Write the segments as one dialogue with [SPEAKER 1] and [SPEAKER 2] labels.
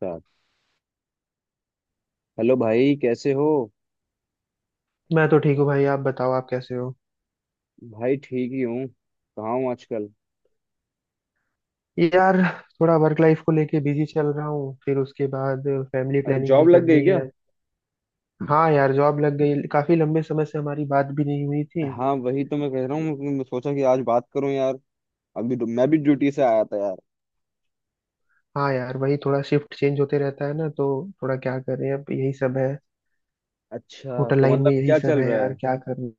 [SPEAKER 1] साथ। हेलो भाई, कैसे हो?
[SPEAKER 2] मैं तो ठीक हूँ भाई। आप बताओ, आप कैसे हो?
[SPEAKER 1] भाई, ठीक ही हूँ। कहाँ हूँ आजकल?
[SPEAKER 2] यार, थोड़ा वर्क लाइफ को लेके बिजी चल रहा हूँ। फिर उसके बाद फैमिली
[SPEAKER 1] अच्छा,
[SPEAKER 2] प्लानिंग
[SPEAKER 1] जॉब
[SPEAKER 2] भी
[SPEAKER 1] लग गई
[SPEAKER 2] करनी
[SPEAKER 1] क्या?
[SPEAKER 2] है। हाँ यार, जॉब लग गई। काफी लंबे समय से हमारी बात भी नहीं हुई थी।
[SPEAKER 1] हाँ, वही तो मैं कह रहा हूँ। मैं सोचा कि आज बात करूँ यार। मैं भी ड्यूटी से आया था यार।
[SPEAKER 2] हाँ यार, वही थोड़ा शिफ्ट चेंज होते रहता है ना, तो थोड़ा क्या करें, अब यही सब है।
[SPEAKER 1] अच्छा,
[SPEAKER 2] होटल
[SPEAKER 1] तो
[SPEAKER 2] लाइन में
[SPEAKER 1] मतलब
[SPEAKER 2] यही
[SPEAKER 1] क्या
[SPEAKER 2] सब
[SPEAKER 1] चल
[SPEAKER 2] है
[SPEAKER 1] रहा
[SPEAKER 2] यार,
[SPEAKER 1] है?
[SPEAKER 2] क्या करूँ।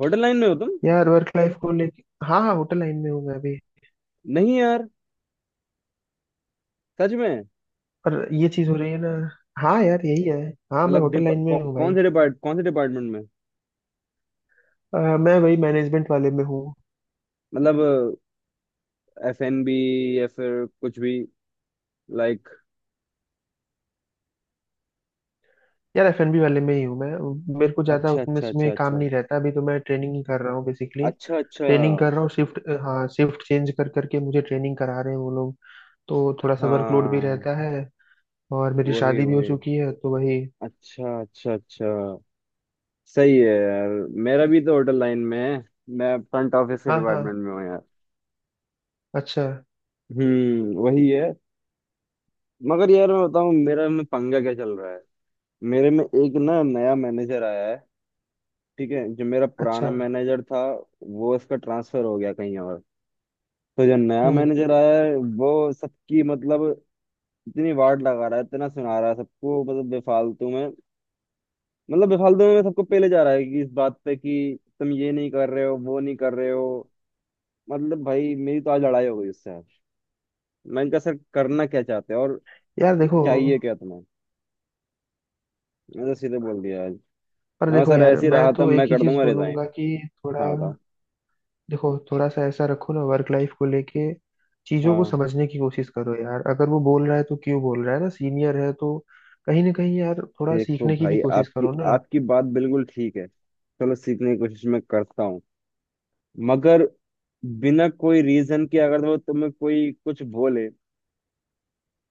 [SPEAKER 1] होटल लाइन में हो तुम?
[SPEAKER 2] यार वर्क लाइफ को लेके, हाँ हाँ, होटल लाइन में हूँ मैं अभी।
[SPEAKER 1] नहीं यार, सच में?
[SPEAKER 2] पर ये चीज हो रही है ना। हाँ यार, यही है। हाँ, मैं
[SPEAKER 1] मतलब
[SPEAKER 2] होटल
[SPEAKER 1] डिपा-
[SPEAKER 2] लाइन
[SPEAKER 1] कौ,
[SPEAKER 2] में हूँ
[SPEAKER 1] कौन
[SPEAKER 2] भाई।
[SPEAKER 1] से डिपार्ट कौन से डिपार्टमेंट में?
[SPEAKER 2] मैं वही मैनेजमेंट वाले में हूँ।
[SPEAKER 1] मतलब FNB, या फिर कुछ भी, लाइक?
[SPEAKER 2] यार, एफएनबी वाले में ही हूँ मैं। मेरे को ज्यादा
[SPEAKER 1] अच्छा,
[SPEAKER 2] उसमें
[SPEAKER 1] अच्छा, अच्छा,
[SPEAKER 2] उसमें काम
[SPEAKER 1] अच्छा,
[SPEAKER 2] नहीं रहता, अभी तो मैं ट्रेनिंग ही कर रहा हूँ बेसिकली।
[SPEAKER 1] अच्छा, अच्छा।
[SPEAKER 2] ट्रेनिंग कर रहा हूँ, शिफ्ट, हाँ शिफ्ट चेंज कर करके मुझे ट्रेनिंग करा रहे हैं वो लोग। तो थोड़ा सा वर्कलोड भी
[SPEAKER 1] हाँ,
[SPEAKER 2] रहता है। और मेरी
[SPEAKER 1] वही
[SPEAKER 2] शादी भी हो
[SPEAKER 1] वही।
[SPEAKER 2] चुकी है तो वही।
[SPEAKER 1] अच्छा, अच्छा, अच्छा। सही है यार। मेरा भी तो होटल लाइन में है। मैं फ्रंट ऑफिस के
[SPEAKER 2] हाँ
[SPEAKER 1] डिपार्टमेंट
[SPEAKER 2] हाँ।
[SPEAKER 1] में हूँ यार।
[SPEAKER 2] अच्छा
[SPEAKER 1] हम्म, वही है। मगर यार, मैं बताऊँ मेरा में पंगा क्या चल रहा है। मेरे में एक ना, नया मैनेजर आया है, ठीक है। जो मेरा
[SPEAKER 2] अच्छा।
[SPEAKER 1] पुराना मैनेजर था, वो इसका ट्रांसफर हो गया कहीं और। तो जो नया
[SPEAKER 2] हम्म।
[SPEAKER 1] मैनेजर आया है, वो सबकी, मतलब, इतनी वार्ड लगा रहा है, इतना सुना रहा है सबको, मतलब बेफालतू में। मतलब बेफालतू में सबको पहले जा रहा है, कि इस बात पे कि तुम ये नहीं कर रहे हो, वो नहीं कर रहे हो। मतलब भाई, मेरी तो आज लड़ाई हो गई उससे, आज। मैंने कहा, सर, करना क्या चाहते हैं, और
[SPEAKER 2] यार देखो,
[SPEAKER 1] चाहिए क्या तुम्हें? मैंने तो सीधे बोल दिया आज। मैं
[SPEAKER 2] पर
[SPEAKER 1] कहा,
[SPEAKER 2] देखो
[SPEAKER 1] सर,
[SPEAKER 2] यार,
[SPEAKER 1] ऐसे ही
[SPEAKER 2] मैं
[SPEAKER 1] रहा था,
[SPEAKER 2] तो एक
[SPEAKER 1] मैं
[SPEAKER 2] ही
[SPEAKER 1] कर
[SPEAKER 2] चीज
[SPEAKER 1] दूंगा रिजाइन।
[SPEAKER 2] बोलूंगा कि थोड़ा।
[SPEAKER 1] हाँ, बताओ।
[SPEAKER 2] देखो, थोड़ा सा ऐसा रखो ना वर्क लाइफ को लेके। चीजों को
[SPEAKER 1] हाँ।
[SPEAKER 2] समझने की कोशिश करो यार, अगर वो बोल रहा है तो क्यों बोल रहा है ना, सीनियर है तो। कहीं ना कहीं यार, थोड़ा
[SPEAKER 1] देखो
[SPEAKER 2] सीखने की भी
[SPEAKER 1] भाई,
[SPEAKER 2] कोशिश
[SPEAKER 1] आपकी
[SPEAKER 2] करो ना।
[SPEAKER 1] आपकी बात बिल्कुल ठीक है। चलो, सीखने की कोशिश मैं करता हूँ। मगर बिना कोई रीजन के अगर वो तुम्हें कोई कुछ बोले,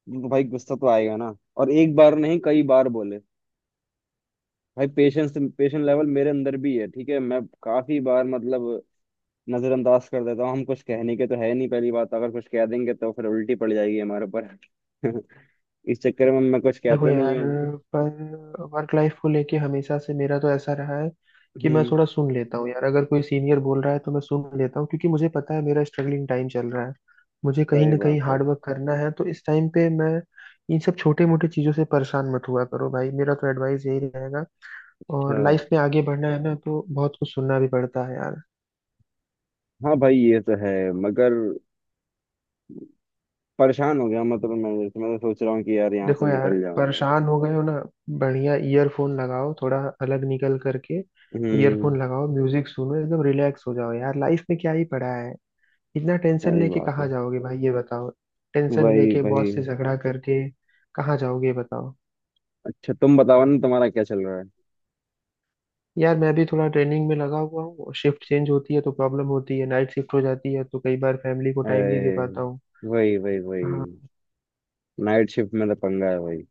[SPEAKER 1] तो भाई गुस्सा तो आएगा ना। और एक बार नहीं, कई बार बोले। भाई, पेशेंस पेशेंट लेवल मेरे अंदर भी है, ठीक है। मैं काफी बार, मतलब, नजरअंदाज कर देता हूँ। हम कुछ कहने के तो है नहीं, पहली बात। अगर कुछ कह देंगे तो फिर उल्टी पड़ जाएगी हमारे ऊपर। इस चक्कर में मैं कुछ
[SPEAKER 2] देखो
[SPEAKER 1] कहता नहीं
[SPEAKER 2] यार,
[SPEAKER 1] हूँ।
[SPEAKER 2] पर वर्क लाइफ को लेके हमेशा से मेरा तो ऐसा रहा है कि मैं
[SPEAKER 1] हम्म,
[SPEAKER 2] थोड़ा सुन लेता हूँ यार। अगर कोई सीनियर बोल रहा है तो मैं सुन लेता हूँ, क्योंकि मुझे पता है मेरा स्ट्रगलिंग टाइम चल रहा है। मुझे कहीं
[SPEAKER 1] सही
[SPEAKER 2] ना कहीं
[SPEAKER 1] बात है।
[SPEAKER 2] हार्ड वर्क करना है, तो इस टाइम पे मैं इन सब छोटे मोटे चीजों से परेशान मत हुआ करो भाई, मेरा तो एडवाइस यही रहेगा।
[SPEAKER 1] अच्छा।
[SPEAKER 2] और लाइफ में आगे बढ़ना है ना, तो बहुत कुछ सुनना भी पड़ता है यार।
[SPEAKER 1] हाँ भाई, ये तो है। मगर परेशान हो गया, मतलब मैं तो सोच रहा हूँ कि यार यहाँ से
[SPEAKER 2] देखो यार,
[SPEAKER 1] निकल जाऊँ यार।
[SPEAKER 2] परेशान हो गए हो ना। बढ़िया ईयरफोन लगाओ, थोड़ा अलग निकल करके
[SPEAKER 1] हम्म,
[SPEAKER 2] ईयरफोन लगाओ, म्यूजिक सुनो, एकदम रिलैक्स हो जाओ यार। लाइफ में क्या ही पड़ा है, इतना टेंशन
[SPEAKER 1] सही
[SPEAKER 2] लेके
[SPEAKER 1] बात है।
[SPEAKER 2] कहाँ जाओगे भाई, ये बताओ। टेंशन
[SPEAKER 1] वही
[SPEAKER 2] लेके
[SPEAKER 1] वही।
[SPEAKER 2] बॉस से झगड़ा करके कहाँ जाओगे, ये बताओ।
[SPEAKER 1] अच्छा, तुम बताओ ना, तुम्हारा क्या चल रहा है?
[SPEAKER 2] यार मैं भी थोड़ा ट्रेनिंग में लगा हुआ हूँ, शिफ्ट चेंज होती है तो प्रॉब्लम होती है, नाइट शिफ्ट हो जाती है तो कई बार फैमिली को टाइम नहीं दे
[SPEAKER 1] अरे,
[SPEAKER 2] पाता हूँ।
[SPEAKER 1] वही वही वही!
[SPEAKER 2] हाँ
[SPEAKER 1] नाइट शिफ्ट में तो पंगा है, वही।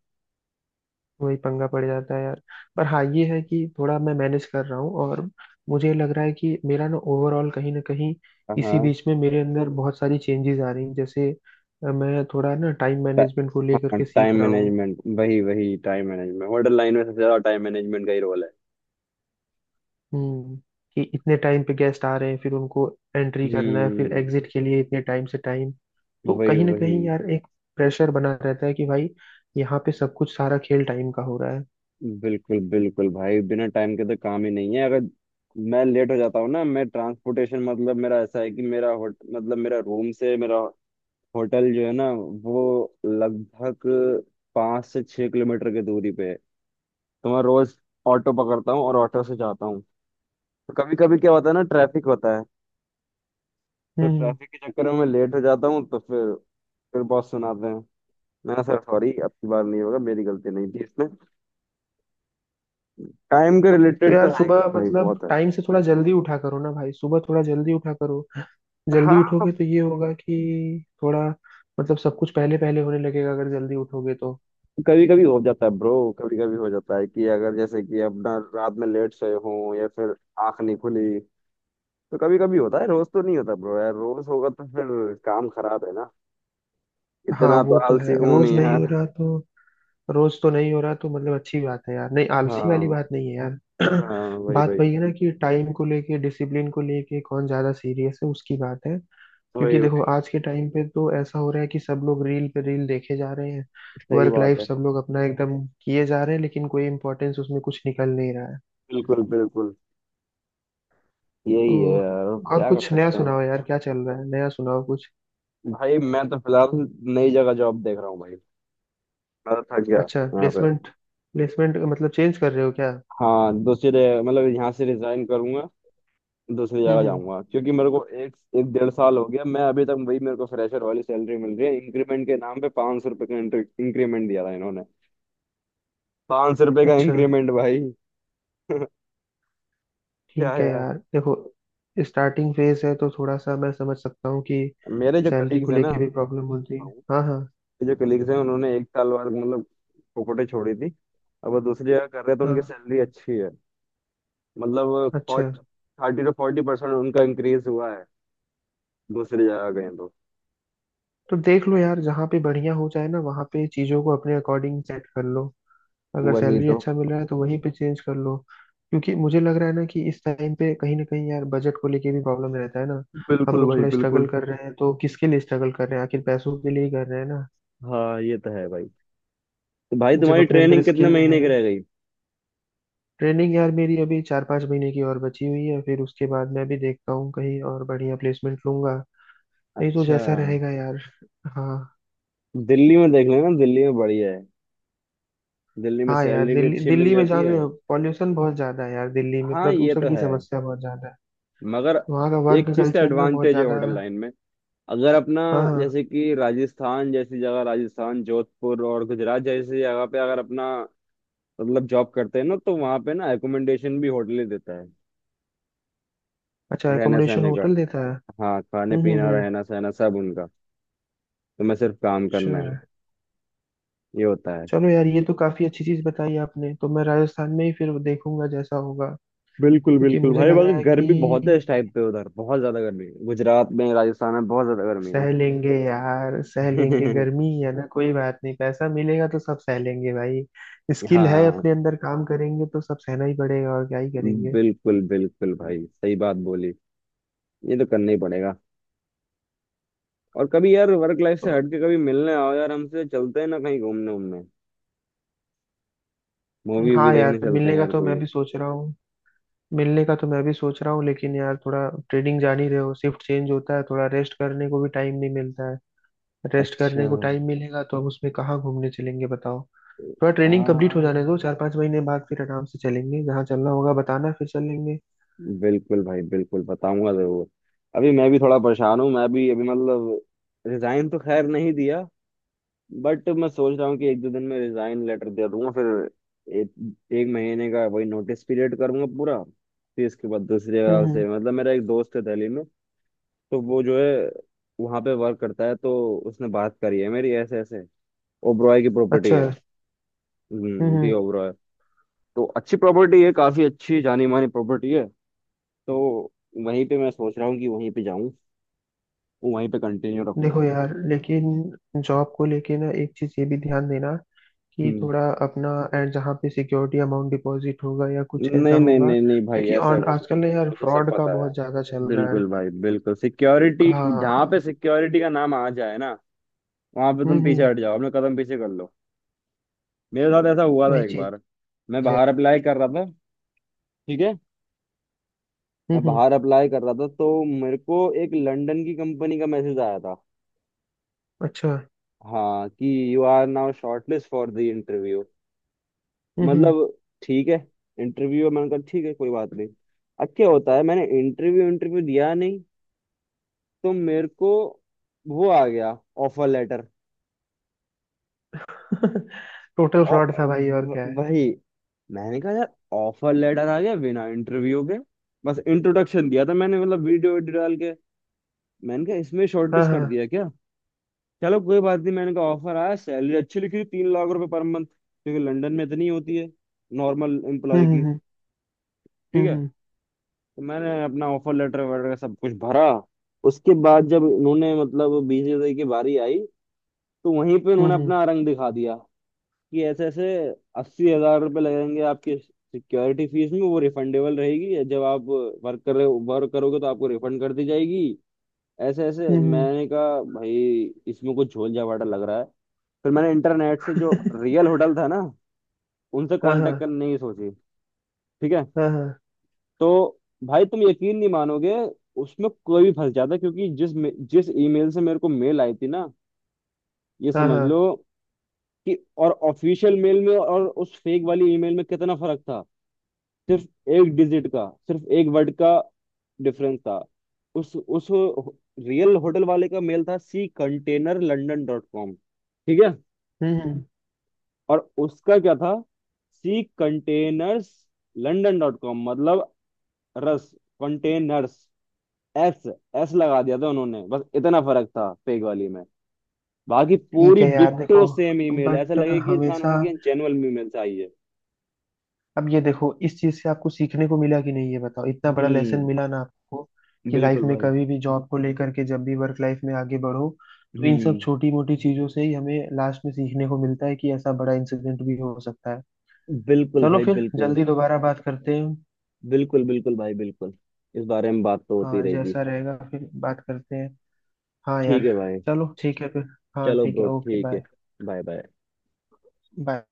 [SPEAKER 2] वही पंगा पड़ जाता है यार। पर हाँ ये है कि थोड़ा मैं मैनेज कर रहा हूँ, और मुझे लग रहा है कि मेरा ना ओवरऑल कहीं ना कहीं इसी
[SPEAKER 1] हाँ।
[SPEAKER 2] बीच में मेरे अंदर बहुत सारी चेंजेस आ रही हैं, जैसे मैं थोड़ा ना टाइम
[SPEAKER 1] टा-
[SPEAKER 2] मैनेजमेंट को लेकर
[SPEAKER 1] हाँ,
[SPEAKER 2] के
[SPEAKER 1] टाइम
[SPEAKER 2] सीख रहा हूँ।
[SPEAKER 1] मैनेजमेंट, वही वही। टाइम मैनेजमेंट होटल लाइन में सबसे ज्यादा टाइम मैनेजमेंट का ही रोल है।
[SPEAKER 2] हम्म। कि इतने टाइम पे गेस्ट आ रहे हैं, फिर उनको एंट्री करना है, फिर
[SPEAKER 1] हम्म,
[SPEAKER 2] एग्जिट के लिए इतने टाइम से टाइम, तो
[SPEAKER 1] वही
[SPEAKER 2] कहीं ना
[SPEAKER 1] वही।
[SPEAKER 2] कहीं यार एक प्रेशर बना रहता है कि भाई यहाँ पे सब कुछ, सारा खेल टाइम का हो रहा है।
[SPEAKER 1] बिल्कुल बिल्कुल भाई, बिना टाइम के तो काम ही नहीं है। अगर मैं लेट हो जाता हूँ ना, मैं ट्रांसपोर्टेशन, मतलब मेरा ऐसा है कि मेरा होट मतलब मेरा रूम से मेरा होटल जो है ना, वो लगभग 5 से 6 किलोमीटर की दूरी पे है। तो मैं रोज ऑटो पकड़ता हूँ और ऑटो से जाता हूँ। तो कभी कभी क्या होता है ना, ट्रैफिक होता है। तो
[SPEAKER 2] हम्म।
[SPEAKER 1] ट्रैफिक के चक्कर में मैं लेट हो जाता हूँ, तो फिर बहुत सुनाते हैं। मैं, सर सॉरी, अब की बार नहीं होगा, मेरी गलती नहीं थी इसमें। टाइम के
[SPEAKER 2] तो
[SPEAKER 1] रिलेटेड तो
[SPEAKER 2] यार,
[SPEAKER 1] है
[SPEAKER 2] सुबह
[SPEAKER 1] ही भाई,
[SPEAKER 2] मतलब
[SPEAKER 1] बहुत है।
[SPEAKER 2] टाइम से थोड़ा जल्दी उठा करो ना भाई, सुबह थोड़ा जल्दी उठा करो। जल्दी
[SPEAKER 1] हाँ।
[SPEAKER 2] उठोगे तो ये होगा कि थोड़ा मतलब सब कुछ पहले पहले होने लगेगा अगर जल्दी उठोगे तो।
[SPEAKER 1] कभी कभी हो जाता है ब्रो, कभी कभी हो जाता है कि अगर जैसे कि अपना रात में लेट सोए हो, या फिर आंख नहीं खुली। तो कभी कभी होता है, रोज तो नहीं होता ब्रो यार। रोज होगा तो फिर काम खराब है ना।
[SPEAKER 2] हाँ
[SPEAKER 1] इतना तो
[SPEAKER 2] वो तो है,
[SPEAKER 1] आलसी हूं
[SPEAKER 2] रोज
[SPEAKER 1] नहीं
[SPEAKER 2] नहीं हो
[SPEAKER 1] यार।
[SPEAKER 2] रहा तो, रोज तो नहीं हो रहा तो मतलब अच्छी बात है यार, नहीं आलसी वाली
[SPEAKER 1] हाँ
[SPEAKER 2] बात नहीं है यार।
[SPEAKER 1] हाँ, वही
[SPEAKER 2] बात
[SPEAKER 1] वही
[SPEAKER 2] वही है ना कि टाइम को लेके डिसिप्लिन को लेके कौन ज्यादा सीरियस है, उसकी बात है। क्योंकि
[SPEAKER 1] वही
[SPEAKER 2] देखो
[SPEAKER 1] वही।
[SPEAKER 2] आज के टाइम पे तो ऐसा हो रहा है कि सब लोग रील पे रील देखे जा रहे हैं,
[SPEAKER 1] सही
[SPEAKER 2] वर्क
[SPEAKER 1] बात
[SPEAKER 2] लाइफ
[SPEAKER 1] है।
[SPEAKER 2] सब लोग अपना एकदम किए जा रहे हैं, लेकिन कोई इम्पोर्टेंस उसमें कुछ निकल नहीं रहा है।
[SPEAKER 1] बिल्कुल बिल्कुल। यही है
[SPEAKER 2] तो
[SPEAKER 1] यार, अब
[SPEAKER 2] और
[SPEAKER 1] क्या कर
[SPEAKER 2] कुछ नया
[SPEAKER 1] सकते हैं?
[SPEAKER 2] सुनाओ यार, क्या चल रहा है, नया सुनाओ कुछ।
[SPEAKER 1] भाई, मैं तो फिलहाल नई जगह जॉब देख रहा हूँ भाई। मैं तो थक गया
[SPEAKER 2] अच्छा
[SPEAKER 1] यहाँ पे।
[SPEAKER 2] प्लेसमेंट, प्लेसमेंट मतलब चेंज कर रहे हो क्या?
[SPEAKER 1] हाँ, दूसरे, मतलब यहाँ से रिजाइन करूंगा, दूसरी जगह
[SPEAKER 2] हम्म।
[SPEAKER 1] जाऊंगा, क्योंकि मेरे को एक एक डेढ़ साल हो गया, मैं अभी तक वही, मेरे को फ्रेशर वाली सैलरी मिल रही है। इंक्रीमेंट के नाम पे 500 रुपए का इंक्रीमेंट दिया था इन्होंने। 500 रुपए का
[SPEAKER 2] अच्छा।
[SPEAKER 1] इंक्रीमेंट, भाई! क्या
[SPEAKER 2] ठीक है
[SPEAKER 1] यार।
[SPEAKER 2] यार, देखो, स्टार्टिंग फेज है तो थोड़ा सा मैं समझ सकता हूँ कि
[SPEAKER 1] मेरे जो
[SPEAKER 2] सैलरी
[SPEAKER 1] कलीग्स
[SPEAKER 2] को
[SPEAKER 1] हैं ना
[SPEAKER 2] लेके भी प्रॉब्लम होती है। हाँ
[SPEAKER 1] मेरे
[SPEAKER 2] हाँ।
[SPEAKER 1] जो कलीग्स हैं, उन्होंने एक साल बाद, मतलब, पोपटे छोड़ी थी। अब वो दूसरी जगह कर रहे हैं, तो उनकी
[SPEAKER 2] हाँ।
[SPEAKER 1] सैलरी अच्छी है। मतलब
[SPEAKER 2] अच्छा।
[SPEAKER 1] 30-40% उनका इंक्रीज हुआ है, दूसरी जगह गए तो।
[SPEAKER 2] तो देख लो यार, जहाँ पे बढ़िया हो जाए ना वहाँ पे चीज़ों को अपने अकॉर्डिंग सेट कर लो। अगर
[SPEAKER 1] वही
[SPEAKER 2] सैलरी
[SPEAKER 1] तो।
[SPEAKER 2] अच्छा मिल रहा है तो वहीं पे चेंज कर लो। क्योंकि मुझे लग रहा है ना कि इस टाइम पे कहीं ना कहीं यार बजट को लेके भी प्रॉब्लम रहता है ना। हम
[SPEAKER 1] बिल्कुल
[SPEAKER 2] लोग
[SPEAKER 1] भाई
[SPEAKER 2] थोड़ा स्ट्रगल
[SPEAKER 1] बिल्कुल।
[SPEAKER 2] कर रहे हैं तो किसके लिए स्ट्रगल कर रहे हैं, आखिर पैसों के लिए ही कर रहे हैं ना।
[SPEAKER 1] हाँ, ये तो है भाई। तो भाई,
[SPEAKER 2] जब
[SPEAKER 1] तुम्हारी
[SPEAKER 2] अपने अंदर
[SPEAKER 1] ट्रेनिंग कितने
[SPEAKER 2] स्किल है,
[SPEAKER 1] महीने की रह गई?
[SPEAKER 2] ट्रेनिंग यार मेरी अभी 4-5 महीने की और बची हुई है, फिर उसके बाद मैं भी देखता हूँ कहीं और बढ़िया प्लेसमेंट लूंगा। नहीं तो
[SPEAKER 1] अच्छा।
[SPEAKER 2] जैसा रहेगा यार। हाँ।
[SPEAKER 1] दिल्ली में देख लेना, दिल्ली में बढ़िया है। दिल्ली में
[SPEAKER 2] हाँ यार,
[SPEAKER 1] सैलरी भी
[SPEAKER 2] दिल्ली
[SPEAKER 1] अच्छी मिल
[SPEAKER 2] दिल्ली में
[SPEAKER 1] जाती
[SPEAKER 2] जान
[SPEAKER 1] है।
[SPEAKER 2] रहे हो पॉल्यूशन बहुत ज्यादा है यार, दिल्ली में
[SPEAKER 1] हाँ, ये
[SPEAKER 2] प्रदूषण
[SPEAKER 1] तो
[SPEAKER 2] की
[SPEAKER 1] है।
[SPEAKER 2] समस्या बहुत ज्यादा है।
[SPEAKER 1] मगर
[SPEAKER 2] वहाँ का
[SPEAKER 1] एक
[SPEAKER 2] वर्क
[SPEAKER 1] चीज का
[SPEAKER 2] कल्चर ना बहुत
[SPEAKER 1] एडवांटेज है
[SPEAKER 2] ज्यादा।
[SPEAKER 1] होटल लाइन में, अगर अपना,
[SPEAKER 2] हाँ हाँ।
[SPEAKER 1] जैसे कि राजस्थान जैसी जगह, राजस्थान, जोधपुर और गुजरात जैसी जगह पे, अगर अपना, मतलब जॉब करते हैं ना, तो वहाँ पे ना एकोमोडेशन भी होटल ही देता है।
[SPEAKER 2] अच्छा,
[SPEAKER 1] रहने
[SPEAKER 2] एकोमोडेशन
[SPEAKER 1] सहने का।
[SPEAKER 2] होटल देता है।
[SPEAKER 1] हाँ, खाने पीना
[SPEAKER 2] हम्म।
[SPEAKER 1] रहना सहना सब उनका, तुम्हें सिर्फ काम
[SPEAKER 2] अच्छा।
[SPEAKER 1] करना है। ये होता है।
[SPEAKER 2] चलो यार, ये तो काफी अच्छी चीज बताई आपने, तो मैं राजस्थान में ही फिर देखूंगा जैसा होगा।
[SPEAKER 1] बिल्कुल
[SPEAKER 2] क्योंकि
[SPEAKER 1] बिल्कुल
[SPEAKER 2] मुझे
[SPEAKER 1] भाई,
[SPEAKER 2] लग रहा
[SPEAKER 1] बाकी
[SPEAKER 2] है
[SPEAKER 1] गर्मी बहुत है
[SPEAKER 2] कि
[SPEAKER 1] इस टाइम पे उधर, बहुत ज्यादा गर्मी है गुजरात में, राजस्थान में बहुत ज्यादा गर्मी
[SPEAKER 2] सह लेंगे यार, सह लेंगे,
[SPEAKER 1] है।
[SPEAKER 2] गर्मी ही है ना, कोई बात नहीं, पैसा मिलेगा तो सब सह लेंगे भाई। स्किल है
[SPEAKER 1] हाँ,
[SPEAKER 2] अपने अंदर, काम करेंगे तो सब सहना ही पड़ेगा, और क्या ही करेंगे।
[SPEAKER 1] बिल्कुल बिल्कुल भाई, सही बात बोली। ये तो करना ही पड़ेगा। और कभी यार वर्क लाइफ
[SPEAKER 2] तो
[SPEAKER 1] से हट के कभी मिलने आओ यार, हमसे चलते हैं ना कहीं घूमने उमने, मूवी भी
[SPEAKER 2] हाँ
[SPEAKER 1] देखने
[SPEAKER 2] यार,
[SPEAKER 1] चलते हैं
[SPEAKER 2] मिलने का
[SPEAKER 1] यार
[SPEAKER 2] तो
[SPEAKER 1] कोई।
[SPEAKER 2] मैं भी सोच रहा हूँ। मिलने का तो मैं भी सोच रहा हूँ, लेकिन यार थोड़ा ट्रेडिंग जान ही रहे हो, शिफ्ट चेंज होता है, थोड़ा रेस्ट करने को भी टाइम नहीं मिलता है। रेस्ट
[SPEAKER 1] अच्छा।
[SPEAKER 2] करने को टाइम मिलेगा तो अब उसमें कहाँ घूमने चलेंगे बताओ। थोड़ा ट्रेनिंग कंप्लीट हो जाने दो,
[SPEAKER 1] हाँ
[SPEAKER 2] 4-5 महीने बाद फिर आराम से चलेंगे, जहाँ चलना होगा बताना, फिर चलेंगे।
[SPEAKER 1] बिल्कुल भाई बिल्कुल, बताऊंगा जरूर। अभी मैं भी थोड़ा परेशान हूँ, मैं भी अभी मतलब, रिजाइन तो खैर नहीं दिया, बट मैं सोच रहा हूँ कि एक दो दिन में रिजाइन लेटर दे दूंगा, फिर एक एक महीने का वही नोटिस पीरियड करूंगा पूरा, फिर इसके बाद दूसरी
[SPEAKER 2] हम्म
[SPEAKER 1] जगह
[SPEAKER 2] हम्म,
[SPEAKER 1] से, मतलब मेरा एक दोस्त है दिल्ली में। तो वो जो है, वहाँ पे वर्क करता है, तो उसने बात करी है मेरी, ऐसे ऐसे, ओबरॉय की प्रॉपर्टी
[SPEAKER 2] अच्छा।
[SPEAKER 1] है। हम्म,
[SPEAKER 2] हम्म।
[SPEAKER 1] दी ओबरॉय। तो अच्छी प्रॉपर्टी है, काफी अच्छी जानी मानी प्रॉपर्टी है। तो वहीं पे मैं सोच रहा हूँ कि वहीं पे जाऊँ, वहीं पे कंटिन्यू
[SPEAKER 2] देखो
[SPEAKER 1] रखूंगा।
[SPEAKER 2] यार लेकिन जॉब को लेके ना एक चीज ये भी ध्यान देना कि थोड़ा अपना एंड जहाँ पे सिक्योरिटी अमाउंट डिपॉजिट होगा या कुछ ऐसा
[SPEAKER 1] नहीं नहीं
[SPEAKER 2] होगा,
[SPEAKER 1] नहीं नहीं भाई,
[SPEAKER 2] क्योंकि
[SPEAKER 1] ऐसा
[SPEAKER 2] ऑन
[SPEAKER 1] कुछ नहीं।
[SPEAKER 2] आजकल ना यार
[SPEAKER 1] मुझे सब
[SPEAKER 2] फ्रॉड का
[SPEAKER 1] पता है।
[SPEAKER 2] बहुत ज्यादा चल रहा है।
[SPEAKER 1] बिल्कुल भाई बिल्कुल, सिक्योरिटी, जहाँ पे
[SPEAKER 2] हाँ।
[SPEAKER 1] सिक्योरिटी का नाम आ जाए ना, वहां पे तुम
[SPEAKER 2] हम्म।
[SPEAKER 1] पीछे हट जाओ, अपने कदम पीछे कर लो। मेरे साथ ऐसा हुआ था
[SPEAKER 2] वही
[SPEAKER 1] एक
[SPEAKER 2] चीज
[SPEAKER 1] बार। मैं
[SPEAKER 2] है।
[SPEAKER 1] बाहर अप्लाई कर रहा था, ठीक है, मैं
[SPEAKER 2] हम्म।
[SPEAKER 1] बाहर अप्लाई कर रहा था, तो मेरे को एक लंदन की कंपनी का मैसेज आया था।
[SPEAKER 2] अच्छा।
[SPEAKER 1] हाँ, कि you are now shortlist for the interview,
[SPEAKER 2] हम्म।
[SPEAKER 1] मतलब ठीक है। इंटरव्यू, मैंने कहा ठीक है, कोई बात नहीं। अब क्या होता है, मैंने इंटरव्यू इंटरव्यू दिया नहीं। तो मेरे को वो आ गया, ऑफर लेटर।
[SPEAKER 2] टोटल फ्रॉड था भाई और क्या है।
[SPEAKER 1] वही। मैंने कहा यार, ऑफर लेटर आ गया बिना इंटरव्यू के, बस इंट्रोडक्शन दिया था मैंने, मतलब वीडियो वीडियो डाल के। मैंने कहा, इसमें
[SPEAKER 2] हाँ
[SPEAKER 1] शॉर्टलिस्ट कर
[SPEAKER 2] हाँ।
[SPEAKER 1] दिया क्या? चलो कोई बात नहीं। मैंने कहा, ऑफर आया, सैलरी अच्छी लिखी थी, 3 लाख रुपए पर मंथ, क्योंकि लंदन में इतनी होती है नॉर्मल
[SPEAKER 2] हम्म
[SPEAKER 1] एम्प्लॉय की,
[SPEAKER 2] हम्म
[SPEAKER 1] ठीक है।
[SPEAKER 2] हम्म।
[SPEAKER 1] तो मैंने अपना ऑफर लेटर वगैरह सब कुछ भरा। उसके बाद जब इन्होंने, मतलब, बीस की बारी आई, तो वहीं पे
[SPEAKER 2] हम्म
[SPEAKER 1] उन्होंने अपना
[SPEAKER 2] हम्म
[SPEAKER 1] रंग दिखा दिया, कि ऐसे ऐसे 80,000 रुपये लगेंगे आपकी सिक्योरिटी फीस में, वो रिफंडेबल रहेगी, जब आप वर्क कर रहे वर्क करोगे तो आपको रिफंड कर दी जाएगी। ऐसे ऐसे
[SPEAKER 2] हम्म हम्म,
[SPEAKER 1] मैंने कहा भाई, इसमें कुछ झोल झावाटा लग रहा है। फिर मैंने इंटरनेट से जो रियल होटल था ना, उनसे
[SPEAKER 2] हाँ हाँ।
[SPEAKER 1] कांटेक्ट करने की सोची। ठीक है।
[SPEAKER 2] हाँ हाँ।
[SPEAKER 1] तो भाई, तुम यकीन नहीं मानोगे, उसमें कोई भी फंस जाता, क्योंकि जिस ईमेल से मेरे को मेल आई थी ना। ये
[SPEAKER 2] हाँ
[SPEAKER 1] समझ
[SPEAKER 2] हाँ।
[SPEAKER 1] लो, कि और ऑफिशियल मेल में और उस फेक वाली ईमेल में कितना फर्क था, सिर्फ एक डिजिट का, सिर्फ एक वर्ड का डिफरेंस था। उस रियल होटल वाले का मेल था, C container London dot com, ठीक है।
[SPEAKER 2] हम्म।
[SPEAKER 1] और उसका क्या था, C containers London dot com, मतलब रस, कंटेनर्स, एस, एस लगा दिया था उन्होंने, बस इतना फर्क था फेक वाली में। बाकी
[SPEAKER 2] ठीक
[SPEAKER 1] पूरी
[SPEAKER 2] है यार,
[SPEAKER 1] डिट्टो
[SPEAKER 2] देखो,
[SPEAKER 1] सेम ईमेल, ऐसा
[SPEAKER 2] बट
[SPEAKER 1] लगे कि इंसान,
[SPEAKER 2] हमेशा
[SPEAKER 1] हाँ, कि जेन्युइन ईमेल से आई है।
[SPEAKER 2] अब ये देखो, इस चीज से आपको सीखने को मिला कि नहीं, ये बताओ, इतना बड़ा लेसन
[SPEAKER 1] हम्म,
[SPEAKER 2] मिला ना आपको कि लाइफ
[SPEAKER 1] बिल्कुल
[SPEAKER 2] में
[SPEAKER 1] भाई।
[SPEAKER 2] कभी भी जॉब को लेकर के जब भी वर्क लाइफ में आगे बढ़ो, तो इन सब
[SPEAKER 1] हम्म,
[SPEAKER 2] छोटी मोटी चीजों से ही हमें लास्ट में सीखने को मिलता है कि ऐसा बड़ा इंसिडेंट भी हो सकता है।
[SPEAKER 1] बिल्कुल
[SPEAKER 2] चलो
[SPEAKER 1] भाई
[SPEAKER 2] फिर
[SPEAKER 1] बिल्कुल।
[SPEAKER 2] जल्दी दोबारा बात करते हैं।
[SPEAKER 1] बिल्कुल बिल्कुल भाई बिल्कुल। इस बारे में बात तो होती
[SPEAKER 2] हाँ
[SPEAKER 1] रहेगी।
[SPEAKER 2] जैसा रहेगा फिर बात करते हैं। हाँ यार।
[SPEAKER 1] ठीक है भाई।
[SPEAKER 2] चलो ठीक है फिर। हाँ
[SPEAKER 1] चलो
[SPEAKER 2] ठीक है,
[SPEAKER 1] ब्रो,
[SPEAKER 2] ओके
[SPEAKER 1] ठीक है।
[SPEAKER 2] बाय।
[SPEAKER 1] Bye bye.
[SPEAKER 2] बाय।